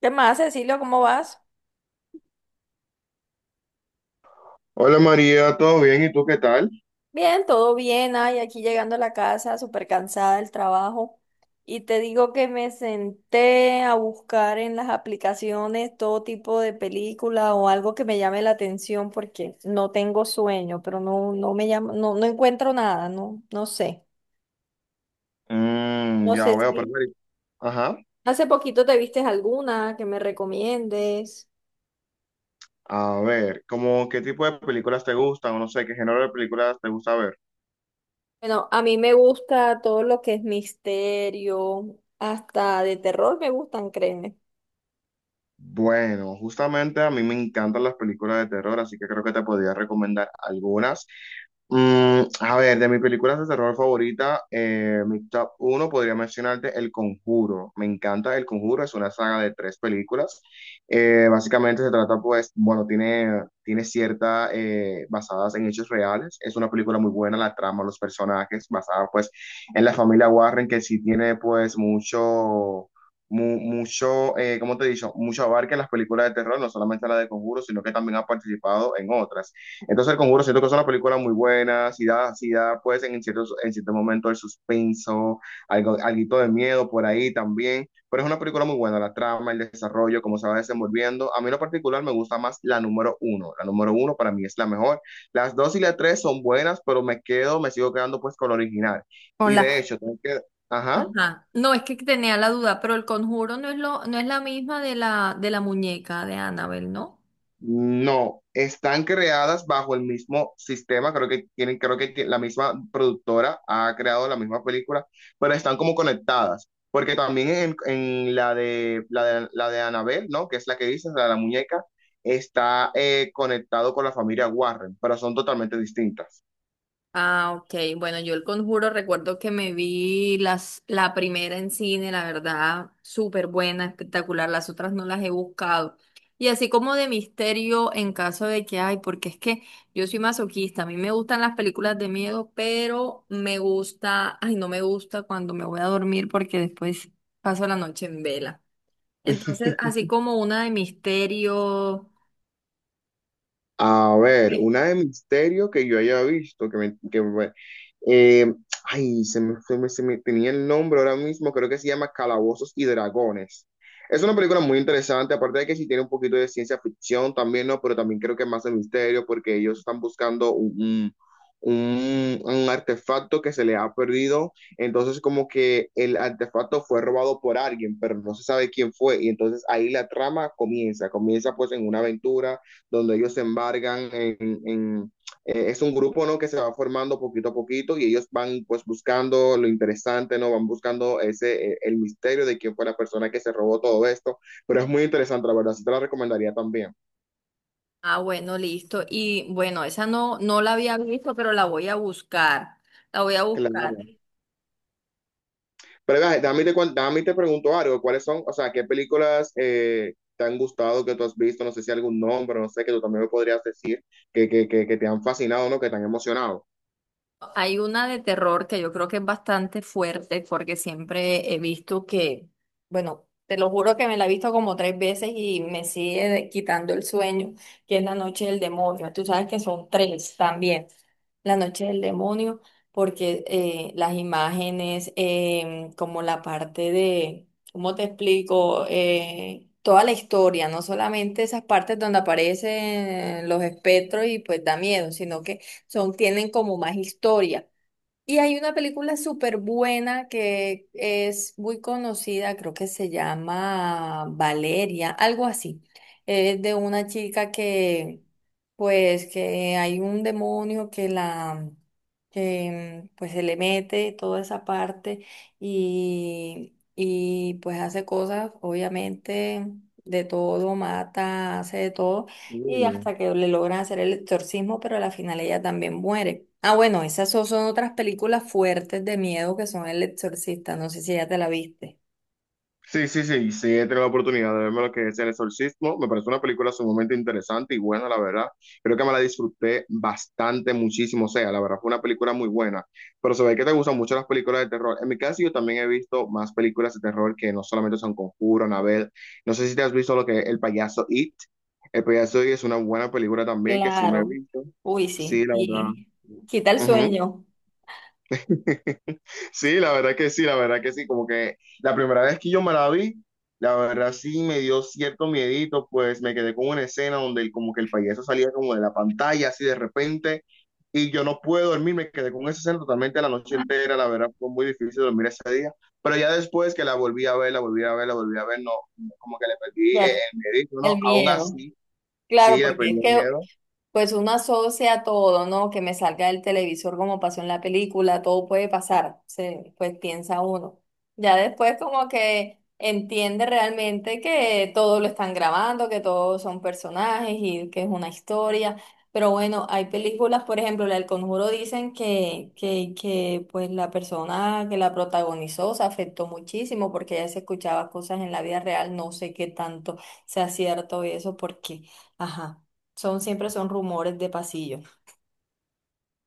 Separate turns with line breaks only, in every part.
¿Qué más, Cecilio? ¿Cómo vas?
Hola María, ¿todo bien? ¿Y tú qué tal?
Bien, todo bien. Ay, aquí llegando a la casa, súper cansada del trabajo. Y te digo que me senté a buscar en las aplicaciones todo tipo de película o algo que me llame la atención porque no tengo sueño, pero no, no me llama, no, no encuentro nada, no, no sé. No
Ya
sé
veo,
si
pero Ajá.
hace poquito te vistes alguna que me recomiendes.
A ver, ¿cómo qué tipo de películas te gustan? O no sé, ¿qué género de películas te gusta ver?
Bueno, a mí me gusta todo lo que es misterio, hasta de terror me gustan, créeme.
Bueno, justamente a mí me encantan las películas de terror, así que creo que te podría recomendar algunas. A ver, de mis películas de terror favorita, mi top 1 podría mencionarte El Conjuro. Me encanta El Conjuro, es una saga de tres películas. Básicamente se trata, pues, bueno, tiene cierta, basadas en hechos reales. Es una película muy buena, la trama, los personajes, basada, pues, en la familia Warren, que sí tiene, pues, mucho. Mucho, ¿cómo te he dicho? Mucho abarca en las películas de terror, no solamente la de Conjuro, sino que también ha participado en otras. Entonces, El Conjuro siento que es una película muy buena, si da pues en ciertos, en cierto momento el suspenso, algo, alguito de miedo por ahí también, pero es una película muy buena, la trama, el desarrollo, cómo se va desenvolviendo. A mí en lo particular me gusta más la número uno para mí es la mejor. Las dos y la tres son buenas, pero me sigo quedando pues con la original.
Con
Y de
las.
hecho, tengo que. Ajá.
Ajá. No, es que tenía la duda, pero el conjuro no es lo, no es la misma de la muñeca de Annabelle, ¿no?
No, están creadas bajo el mismo sistema, creo que tienen, la misma productora ha creado la misma película, pero están como conectadas, porque también en la de la de, la de Annabelle, ¿no? Que es la que dices, la de la muñeca, está conectado con la familia Warren, pero son totalmente distintas.
Ah, ok. Bueno, yo el conjuro recuerdo que me vi las, la primera en cine, la verdad, súper buena, espectacular. Las otras no las he buscado. Y así como de misterio en caso de que hay, porque es que yo soy masoquista, a mí me gustan las películas de miedo, pero me gusta, ay, no me gusta cuando me voy a dormir porque después paso la noche en vela. Entonces, así como una de misterio.
A ver,
Sí.
una de misterio que yo haya visto, que Eh, ay, se me tenía el nombre ahora mismo, creo que se llama Calabozos y Dragones. Es una película muy interesante, aparte de que sí tiene un poquito de ciencia ficción también, ¿no? Pero también creo que más de misterio, porque ellos están buscando un artefacto que se le ha perdido. Entonces, como que el artefacto fue robado por alguien, pero no se sabe quién fue. Y entonces ahí la trama comienza pues en una aventura donde ellos se embargan en es un grupo, ¿no? Que se va formando poquito a poquito y ellos van pues buscando lo interesante, ¿no? Van buscando ese, el misterio de quién fue la persona que se robó todo esto, pero es muy interesante, la verdad, sí te la recomendaría también.
Ah, bueno, listo. Y bueno, esa no, no la había visto, pero la voy a buscar. La voy a buscar.
Claro. Pero vea, dame te pregunto algo, ¿cuáles son, o sea, qué películas te han gustado, que tú has visto, no sé si algún nombre, no sé, que tú también me podrías decir, que te han fascinado, ¿no? Que te han emocionado.
Hay una de terror que yo creo que es bastante fuerte porque siempre he visto que, bueno, te lo juro que me la he visto como tres veces y me sigue quitando el sueño, que es La Noche del Demonio. Tú sabes que son tres también. La Noche del Demonio, porque las imágenes, como la parte de, ¿cómo te explico? Toda la historia, no solamente esas partes donde aparecen los espectros y pues da miedo, sino que son, tienen como más historia. Y hay una película súper buena que es muy conocida, creo que se llama Valeria, algo así. Es de una chica que, pues, que hay un demonio que la, que, pues, se le mete toda esa parte y pues hace cosas, obviamente, de todo, mata, hace de todo y hasta que le logran hacer el exorcismo, pero a la final ella también muere. Ah, bueno, esas son, son otras películas fuertes de miedo que son El Exorcista, no sé si ya te la viste.
Sí, sí, sí, sí, he tenido la oportunidad de verme lo que es El Exorcismo. Me parece una película sumamente interesante y buena, la verdad. Creo que me la disfruté bastante, muchísimo. O sea, la verdad fue una película muy buena. Pero se ve que te gustan mucho las películas de terror. En mi caso, yo también he visto más películas de terror que no solamente son Conjuro, Anabel. No sé si te has visto lo que es El Payaso It. El Payaso It es una buena película también que sí me he
Claro.
visto.
Uy,
Sí,
sí.
la verdad.
Y quita el
Ujú.
sueño,
Sí, la verdad que sí, la verdad que sí, como que la primera vez que yo me la vi, la verdad sí me dio cierto miedito, pues me quedé con una escena donde como que el payaso salía como de la pantalla así de repente y yo no pude dormir, me quedé con esa escena totalmente la noche entera, la verdad fue muy difícil dormir ese día, pero ya después que la volví a ver, la volví a ver, la volví a ver, no, como que le perdí
ya
el miedito, ¿no?
el
Aún
miedo.
así, sí,
Claro,
le
porque
perdí
es
el
que
miedo.
pues uno asocia todo, ¿no? Que me salga del televisor como pasó en la película, todo puede pasar, se, pues piensa uno. Ya después como que entiende realmente que todo lo están grabando, que todos son personajes y que es una historia. Pero bueno, hay películas, por ejemplo, la del Conjuro dicen que, que pues la persona que la protagonizó se afectó muchísimo porque ella se escuchaba cosas en la vida real, no sé qué tanto sea cierto y eso porque. Ajá. Son, siempre son rumores de pasillo.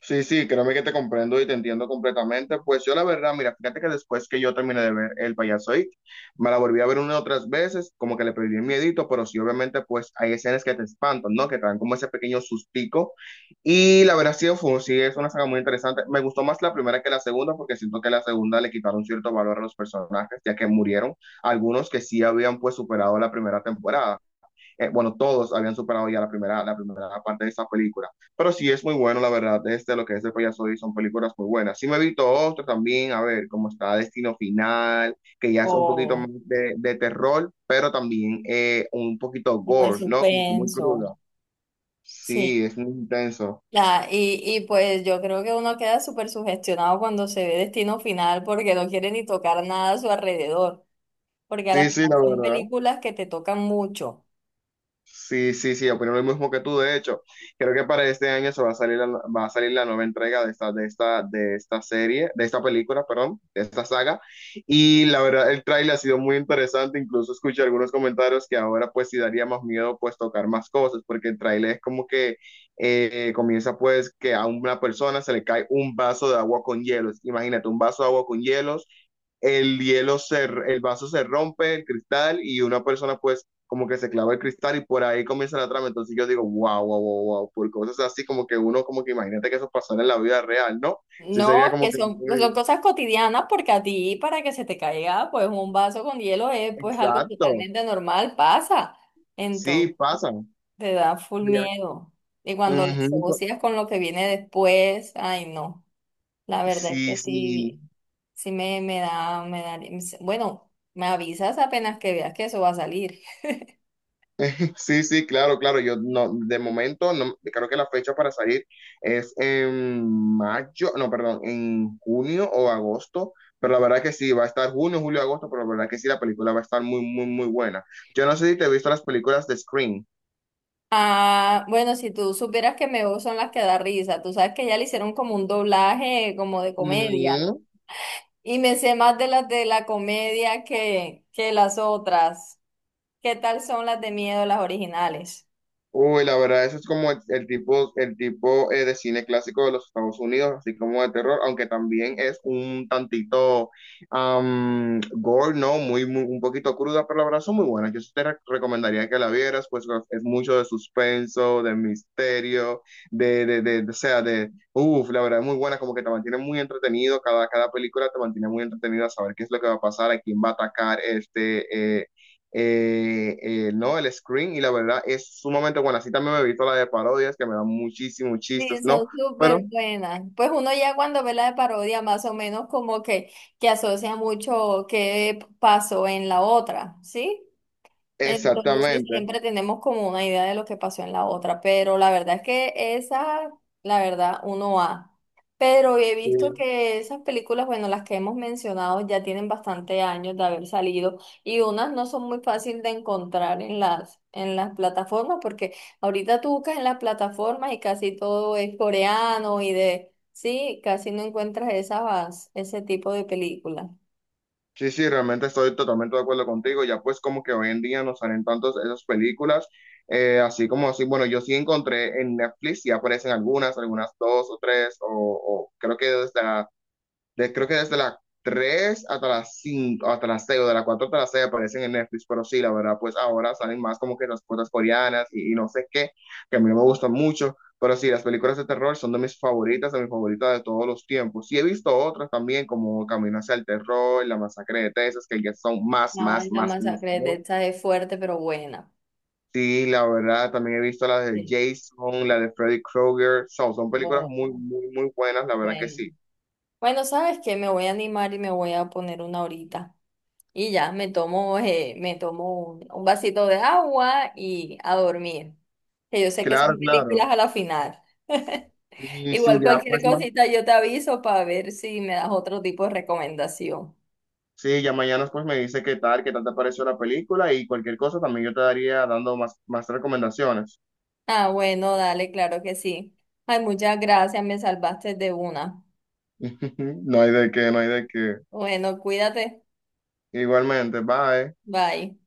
Sí, sí, créeme que te comprendo y te entiendo completamente. Pues yo la verdad, mira, fíjate que después que yo terminé de ver El Payaso It, me la volví a ver una y otras veces, como que le perdí el miedito, pero sí, obviamente, pues hay escenas que te espantan, ¿no? Que te dan como ese pequeño sustico. Y la verdad, sí, es una saga muy interesante. Me gustó más la primera que la segunda, porque siento que la segunda le quitaron cierto valor a los personajes, ya que murieron algunos que sí habían pues superado la primera temporada bueno, todos habían superado ya la primera parte de esa película. Pero sí es muy bueno, la verdad, este, lo que es el payaso y son películas muy buenas. Sí me he visto otro también, a ver, como está Destino Final, que ya es un poquito más
O
de terror, pero también un poquito
como de
gore, ¿no? Como que muy
suspenso.
cruda.
Sí.
Sí, es muy intenso.
La, y pues yo creo que uno queda súper sugestionado cuando se ve Destino Final porque no quiere ni tocar nada a su alrededor. Porque a la
Sí, sí, la
final son
verdad.
películas que te tocan mucho.
Sí, sí, sí, opino lo mismo que tú, de hecho. Creo que para este año se va a salir la, va a salir la nueva entrega de esta, de esta, de esta serie, de esta película, perdón, de esta saga. Y la verdad, el tráiler ha sido muy interesante. Incluso escuché algunos comentarios que ahora pues sí daría más miedo pues tocar más cosas, porque el tráiler es como que comienza pues que a una persona se le cae un vaso de agua con hielos. Imagínate, un vaso de agua con hielos el vaso se rompe, el cristal, y una persona pues como que se clava el cristal y por ahí comienza la trama. Entonces yo digo, wow, wow, wow, wow, por cosas así como que uno, como que imagínate que eso pasó en la vida real, ¿no? Sí, sería
No, que
como que
son, pues, son
muy.
cosas cotidianas porque a ti para que se te caiga pues un vaso con hielo es pues algo
Exacto,
totalmente normal, pasa. Entonces
sí, pasa.
te da full
Sería-
miedo. Y cuando lo
Ujú,
asocias con lo que viene después, ay no. La verdad es
sí,
que
sí,
sí, sí me, me da, bueno, me avisas apenas que veas que eso va a salir.
sí, sí, claro, claro. Yo no, de momento, no, creo que la fecha para salir es en mayo, no, perdón, en junio o agosto, pero la verdad que sí, va a estar junio, julio, agosto, pero la verdad que sí, la película va a estar muy, muy, muy buena. Yo no sé si te he visto las películas de Scream.
Ah, bueno, si tú supieras que Me Veo son las que da risa, tú sabes que ya le hicieron como un doblaje como de comedia.
Ujú.
Y me sé más de las de la comedia que las otras. ¿Qué tal son las de miedo, las originales?
Uy, la verdad, eso es como el tipo de cine clásico de los Estados Unidos, así como de terror, aunque también es un tantito gore, ¿no? Muy, muy, un poquito cruda, pero la verdad son muy buenas. Yo sí te recomendaría que la vieras, pues es mucho de suspenso, de misterio, o sea, de, uff, la verdad es muy buena, como que te mantiene muy entretenido, cada película te mantiene muy entretenido a saber qué es lo que va a pasar, a quién va a atacar este, eh, ¿no? El screen y la verdad es sumamente buena. Así también me he visto la de parodias que me dan muchísimos chistes,
Sí,
¿no?
son súper
Pero
buenas. Pues uno ya cuando ve la de parodia, más o menos como que asocia mucho qué pasó en la otra, ¿sí? Entonces
exactamente.
siempre tenemos como una idea de lo que pasó en la otra, pero la verdad es que esa, la verdad, uno va. Pero he
Sí.
visto que esas películas, bueno, las que hemos mencionado ya tienen bastante años de haber salido y unas no son muy fáciles de encontrar en las plataformas porque ahorita tú buscas en las plataformas y casi todo es coreano y de, sí, casi no encuentras esas, ese tipo de películas.
Sí, sí, realmente estoy totalmente de acuerdo contigo. Ya pues como que hoy en día no salen tantas esas películas, así como así, bueno, yo sí encontré en Netflix, ya aparecen algunas, algunas dos o tres, o creo que desde creo que desde las 3 hasta las 5 hasta las 6 o de las 4 hasta las 6 aparecen en Netflix, pero sí, la verdad, pues ahora salen más como que las cosas coreanas y no sé qué, que a mí no me gustan mucho, pero sí, las películas de terror son de mis favoritas, de mis favoritas de todos los tiempos. Sí, he visto otras también como Camino hacia el Terror, La Masacre de Texas, que ya son más,
No,
más,
la
más, más.
masacre de
¿No?
Texas es fuerte, pero buena.
Sí, la verdad, también he visto las de
Sí.
Jason, la de Freddy Krueger, son películas
Oh,
muy, muy, muy buenas, la verdad que
bueno,
sí.
bueno, sabes que me voy a animar y me voy a poner una horita. Y ya, me tomo un vasito de agua y a dormir. Que yo sé que
Claro,
son películas
claro.
a la final.
Y sí,
Igual
ya
cualquier
pues más.
cosita yo te aviso para ver si me das otro tipo de recomendación.
Sí, ya mañana pues me dice qué tal te pareció la película y cualquier cosa también yo te daría dando más, más recomendaciones.
Ah, bueno, dale, claro que sí. Ay, muchas gracias, me salvaste de una.
No hay de qué, no hay de qué.
Bueno, cuídate.
Igualmente, bye.
Bye.